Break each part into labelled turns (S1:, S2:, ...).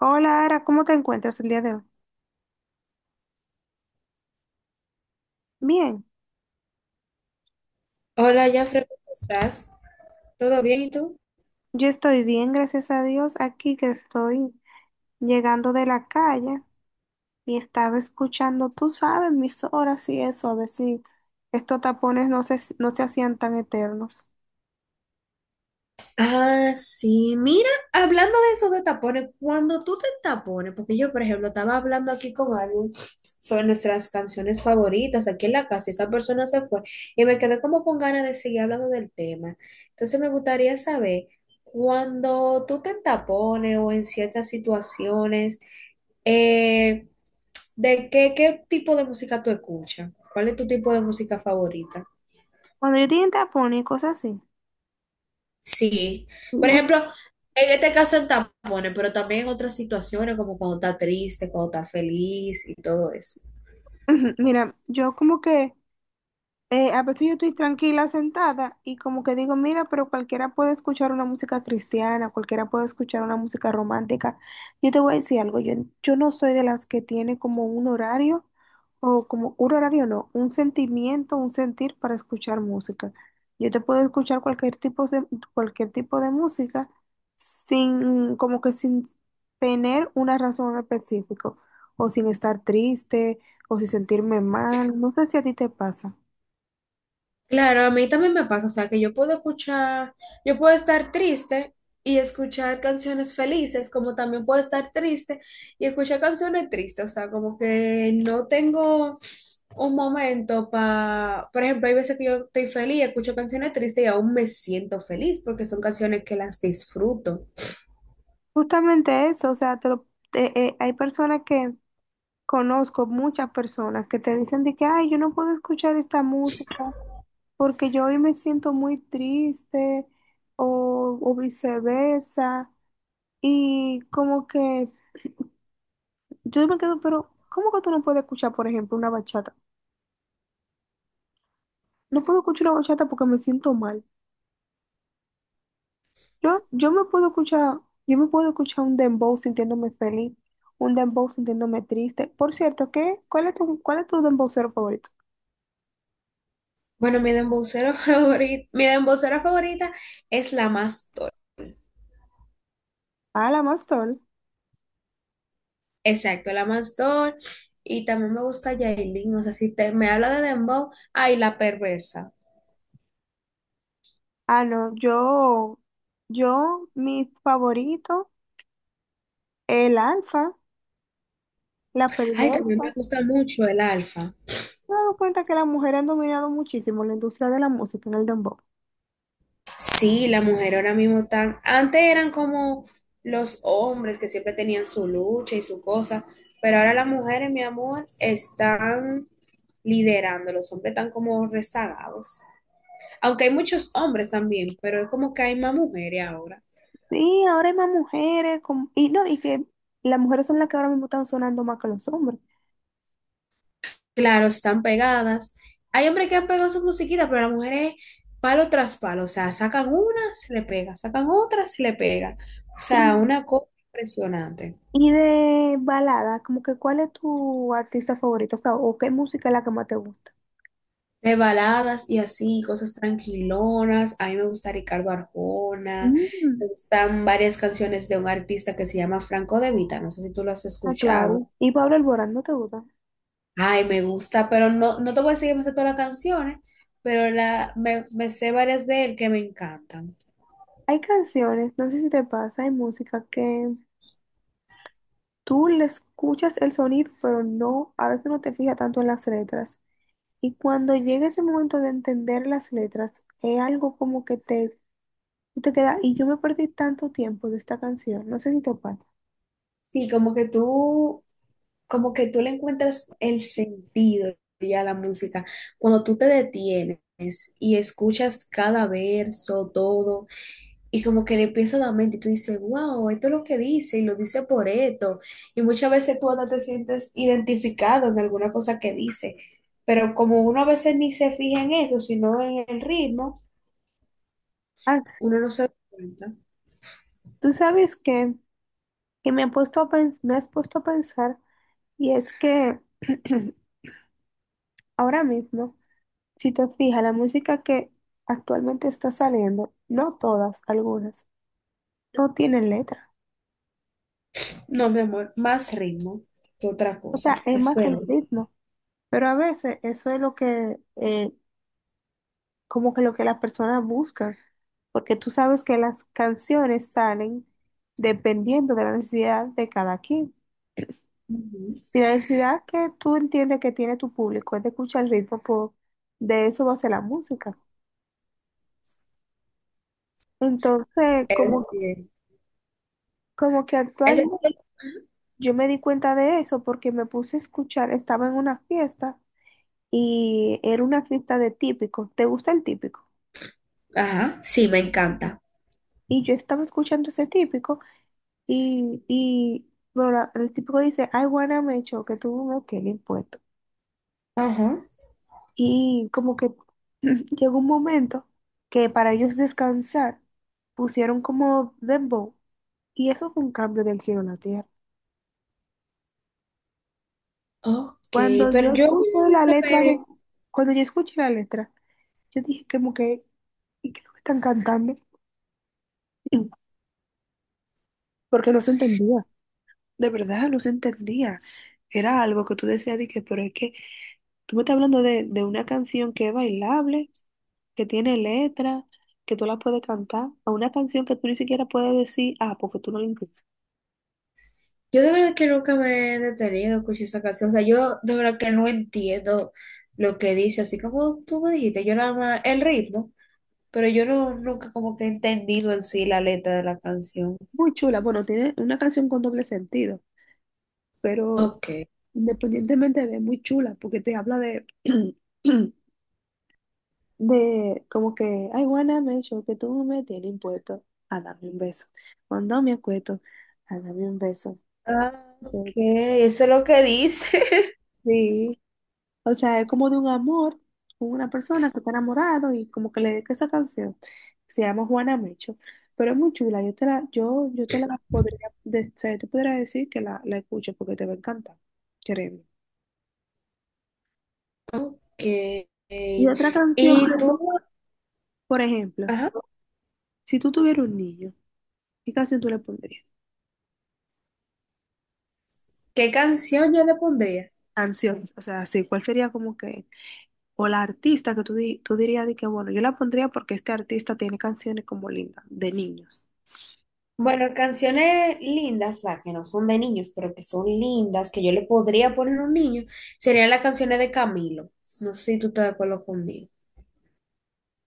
S1: Hola, Ara, ¿cómo te encuentras el día de hoy? Bien,
S2: Hola, Jafre, ¿cómo estás? ¿Todo bien y tú?
S1: yo estoy bien, gracias a Dios, aquí que estoy llegando de la calle y estaba escuchando, tú sabes, mis horas y eso, a ver si estos tapones no se hacían tan eternos.
S2: Ah, sí, mira, hablando de eso de tapones, cuando tú te tapones, porque yo, por ejemplo, estaba hablando aquí con alguien sobre nuestras canciones favoritas aquí en la casa, y esa persona se fue y me quedé como con ganas de seguir hablando del tema. Entonces me gustaría saber, cuando tú te tapones o en ciertas situaciones, eh, ¿de qué tipo de música tú escuchas? ¿Cuál es tu tipo de música favorita?
S1: Cuando yo tenía tapones y cosas así,
S2: Sí, por
S1: como-
S2: ejemplo, en este caso en tampones, pero también en otras situaciones como cuando está triste, cuando está feliz y todo eso.
S1: mira, yo como que a veces yo estoy tranquila sentada y como que digo, mira, pero cualquiera puede escuchar una música cristiana, cualquiera puede escuchar una música romántica. Yo te voy a decir algo, yo no soy de las que tiene como un horario o como un horario no, un sentimiento, un sentir para escuchar música. Yo te puedo escuchar cualquier tipo de música sin, como que sin tener una razón específica o sin estar triste o sin sentirme mal. No sé si a ti te pasa.
S2: Claro, a mí también me pasa, o sea, que yo puedo escuchar, yo puedo estar triste y escuchar canciones felices, como también puedo estar triste y escuchar canciones tristes, o sea, como que no tengo un momento para, por ejemplo, hay veces que yo estoy feliz, escucho canciones tristes y aún me siento feliz porque son canciones que las disfruto.
S1: Justamente eso, o sea, hay personas que conozco, muchas personas que te dicen de que, ay, yo no puedo escuchar esta música porque yo hoy me siento muy triste o viceversa. Y como que yo me quedo, pero ¿cómo que tú no puedes escuchar, por ejemplo, una bachata? No puedo escuchar una bachata porque me siento mal. Yo me puedo escuchar, yo me puedo escuchar un dembow sintiéndome feliz un dembow sintiéndome triste. Por cierto, ¿qué? ¿Cuál es cuál es tu dembow favorito?
S2: Bueno, mi dembocera favorita, mi dembocera favorita es la Mastor.
S1: Ah, la Mastol.
S2: Exacto, la Mastor. Y también me gusta Yailin. O sea, si te, me habla de Dembow, ay, la perversa.
S1: Ah, no, yo, mi favorito, el alfa, la
S2: Ay, también me
S1: perversa.
S2: gusta mucho el Alfa.
S1: Me he dado cuenta que las mujeres han dominado muchísimo la industria de la música en el dembow.
S2: Sí, la mujer ahora mismo tan. Antes eran como los hombres que siempre tenían su lucha y su cosa. Pero ahora las mujeres, mi amor, están liderando. Los hombres están como rezagados. Aunque hay muchos hombres también, pero es como que hay más mujeres ahora.
S1: Sí, ahora hay más mujeres, con- y no, y que las mujeres son las que ahora mismo están sonando más que los hombres.
S2: Claro, están pegadas. Hay hombres que han pegado su musiquita, pero las mujeres palo tras palo. O sea, sacan una, se le pega, sacan otra, se le pega. O
S1: Y,
S2: sea, una cosa impresionante.
S1: y de balada, como que ¿cuál es tu artista favorito? O sea, o qué música es la que más te gusta.
S2: De baladas y así, cosas tranquilonas. A mí me gusta Ricardo Arjona. Me
S1: Mm,
S2: gustan varias canciones de un artista que se llama Franco De Vita. No sé si tú lo has
S1: ah,
S2: escuchado.
S1: claro. Y Pablo Alborán, ¿no te gusta?
S2: Ay, me gusta, pero no, no te voy a decir que me sé todas las canciones, pero la, me sé varias de él que me encantan.
S1: Hay canciones, no sé si te pasa, hay música que tú le escuchas el sonido, pero no, a veces no te fijas tanto en las letras. Y cuando llega ese momento de entender las letras, es algo como que tú te queda, y yo me perdí tanto tiempo de esta canción, no sé si te pasa.
S2: Sí, como que tú le encuentras el sentido ya a la música. Cuando tú te detienes y escuchas cada verso, todo, y como que le empieza a dar mente y tú dices, wow, esto es lo que dice y lo dice por esto. Y muchas veces tú hasta te sientes identificado en alguna cosa que dice. Pero como uno a veces ni se fija en eso, sino en el ritmo,
S1: Ah,
S2: uno no se da cuenta.
S1: tú sabes que me has puesto a pensar, y es que ahora mismo, si te fijas, la música que actualmente está saliendo, no todas, algunas, no tienen letra.
S2: No, mi amor, más ritmo que otra
S1: O
S2: cosa.
S1: sea, es
S2: Es
S1: más el
S2: verdad.
S1: ritmo. Pero a veces eso es lo que, como que lo que las personas buscan, porque tú sabes que las canciones salen dependiendo de la necesidad de cada quien.
S2: Ujú.
S1: Y la necesidad que tú entiendes que tiene tu público es de escuchar el ritmo, pues, de eso va a ser la música. Entonces,
S2: Es bien.
S1: como que
S2: Es-
S1: actualmente yo me di cuenta de eso porque me puse a escuchar, estaba en una fiesta y era una fiesta de típico. ¿Te gusta el típico?
S2: Ajá, sí, me encanta.
S1: Y yo estaba escuchando ese típico. Y bueno, el tipo dice, I wanna make sure que tú no el impuesto.
S2: Ajá.
S1: Y como que llegó un momento que para ellos descansar pusieron como dembow. Y eso fue un cambio del cielo a la tierra.
S2: Ok,
S1: Cuando yo
S2: pero yo
S1: escuché la
S2: nunca
S1: letra, de-
S2: me
S1: cuando yo escuché la letra, yo dije como que, ¿y qué es lo que están cantando? Porque no se entendía, de verdad, no se entendía. Era algo que tú decías, dije, pero es que tú me estás hablando de una canción que es bailable, que tiene letra, que tú la puedes cantar, a una canción que tú ni siquiera puedes decir, ah, porque tú no la entiendes.
S2: Yo de verdad que nunca me he detenido a escuchar esa canción. O sea, yo de verdad que no entiendo lo que dice. Así como tú me dijiste, yo nada más el ritmo, pero yo no, nunca como que he entendido en sí la letra de la canción.
S1: Muy chula, bueno, tiene una canción con doble sentido, pero
S2: Ok.
S1: independientemente de muy chula, porque te habla de, de como que, ay, wanna make sure que tú me tienes impuesto a darme un beso. Cuando me acuesto, a darme un beso.
S2: Ah, ok, eso es lo que dice.
S1: Sí, o sea, es como de un amor con una persona que está enamorado y como que le dedica esa canción. Se llama Juana Mecho. Pero es muy chula. Yo te la, yo te la podría, o sea, yo te podría decir que la escuches porque te va a encantar. Créeme.
S2: Ok.
S1: Y otra canción,
S2: ¿Y
S1: que tú-
S2: tú,
S1: por ejemplo,
S2: ajá,
S1: si tú tuvieras un niño, ¿qué canción tú le pondrías?
S2: ¿qué canción yo le pondría?
S1: Canción, o sea, sí, ¿cuál sería como que, o la artista que tú dirías de que, bueno, yo la pondría porque este artista tiene canciones como lindas, de niños.
S2: Bueno, canciones lindas, o sea, que no son de niños, pero que son lindas, que yo le podría poner a un niño, serían las canciones de Camilo. No sé si tú estás de acuerdo conmigo.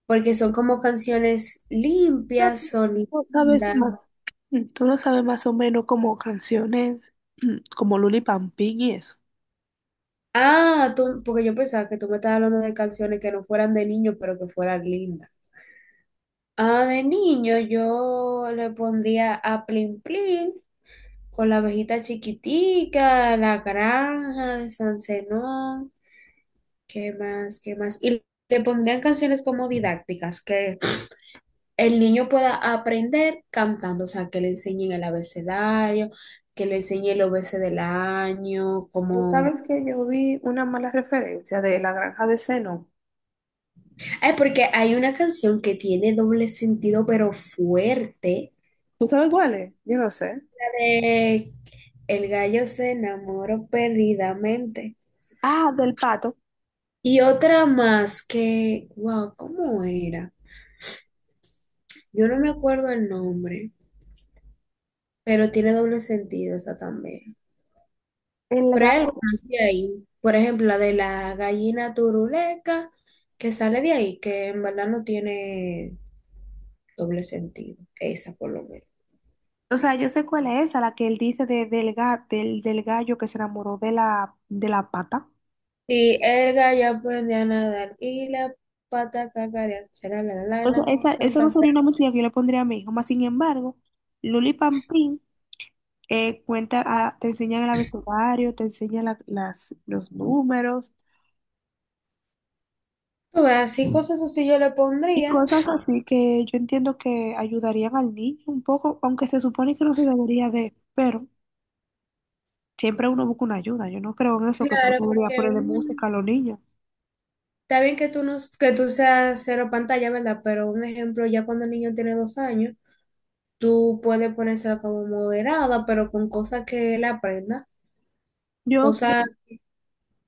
S2: Porque son como canciones limpias, son
S1: Sabes,
S2: lindas.
S1: mm, tú no sabes más o menos como canciones mm, como Luli Pampín y eso.
S2: Ah, tú, porque yo pensaba que tú me estabas hablando de canciones que no fueran de niño, pero que fueran lindas. Ah, de niño yo le pondría a Plin Plin con la abejita chiquitica, la granja de San Zenón. ¿Qué más? ¿Qué más? Y le pondrían canciones como didácticas, que el niño pueda aprender cantando, o sea, que le enseñen el abecedario, que le enseñe el obese del año,
S1: Tú
S2: como...
S1: sabes que yo vi una mala referencia de La Granja de Seno.
S2: Ay, porque hay una canción que tiene doble sentido, pero fuerte.
S1: ¿Tú sabes cuál es? Yo no sé.
S2: La de El gallo se enamoró perdidamente.
S1: Ah, del pato.
S2: Y otra más que, wow, ¿cómo era? Yo no me acuerdo el nombre, pero tiene doble sentido esa también.
S1: El
S2: Pero hay
S1: gato.
S2: algunas de ahí, por ejemplo, la de la gallina turuleca, que sale de ahí, que en verdad no tiene doble sentido, esa por lo menos.
S1: O sea, yo sé cuál es esa, la que él dice de, del, ga- del, del gallo que se enamoró de de la pata.
S2: Y el gallo aprendió a nadar y la pata cacarear, será la
S1: Entonces,
S2: lana, tan,
S1: esa no
S2: tan,
S1: sería
S2: pero
S1: una música que yo le pondría a mi hijo. Más sin embargo, Luli Pampín cuenta, ah, te enseña el abecedario, te enseña los números,
S2: tú ves, así cosas así yo le
S1: y
S2: pondría.
S1: cosas así que yo entiendo que ayudarían al niño un poco, aunque se supone que no se debería de, pero siempre uno busca una ayuda. Yo no creo en eso que tú
S2: Claro,
S1: deberías
S2: porque
S1: ponerle música a los niños.
S2: está bien que tú, no, que tú seas cero pantalla, ¿verdad? Pero un ejemplo, ya cuando el niño tiene 2 años, tú puedes ponérsela como moderada, pero con cosas que él aprenda.
S1: Yo,
S2: Cosas,
S1: opi-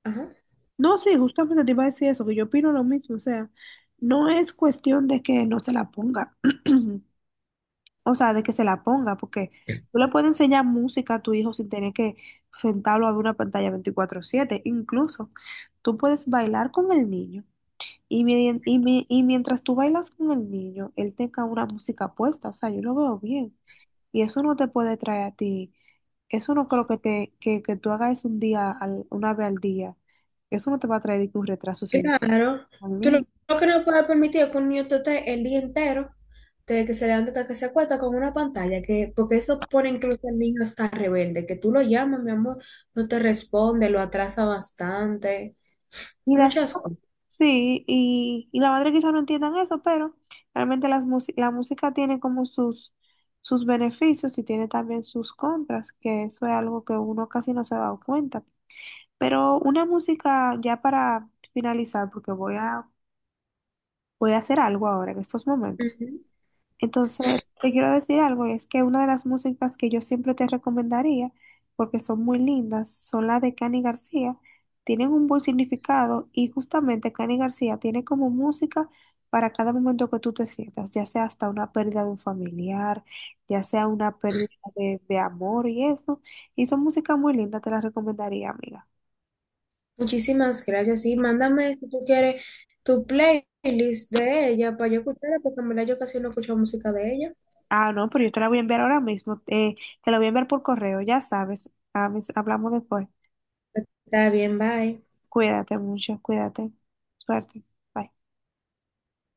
S2: ajá,
S1: no, sí, justamente te iba a decir eso, que yo opino lo mismo. O sea, no es cuestión de que no se la ponga, o sea, de que se la ponga, porque tú le puedes enseñar música a tu hijo sin tener que sentarlo a ver una pantalla 24/7. Incluso tú puedes bailar con el niño. Y mientras tú bailas con el niño, él tenga una música puesta, o sea, yo lo veo bien. Y eso no te puede traer a ti, eso no creo que tú hagas un día, una vez al día. Eso no te va a traer ningún retraso sin
S2: claro. Tú
S1: mí.
S2: lo que no puedes permitir es que un niño te esté el día entero, desde que se levanta hasta que se acuesta con una pantalla, que, porque eso pone incluso al niño hasta rebelde, que tú lo llamas, mi amor, no te responde, lo atrasa bastante,
S1: Y las,
S2: muchas cosas.
S1: sí, y la madre quizá no entiendan eso, pero realmente la música tiene como sus beneficios y tiene también sus contras, que eso es algo que uno casi no se ha dado cuenta. Pero una música ya para finalizar, porque voy a hacer algo ahora en estos momentos.
S2: Ujú.
S1: Entonces, te quiero decir algo, es que una de las músicas que yo siempre te recomendaría, porque son muy lindas, son las de Cani García, tienen un buen significado y justamente Cani García tiene como música para cada momento que tú te sientas, ya sea hasta una pérdida de un familiar, ya sea una pérdida de amor y eso. Y son música muy linda, te la recomendaría, amiga.
S2: Muchísimas gracias. Y mándame si tú quieres tu playlist de ella para yo escucharla, porque en verdad yo casi no escucho música de ella.
S1: Ah, no, pero yo te la voy a enviar ahora mismo. Te la voy a enviar por correo, ya sabes. Ah, hablamos después.
S2: Está bien, bye.
S1: Cuídate mucho, cuídate. Suerte. Bye.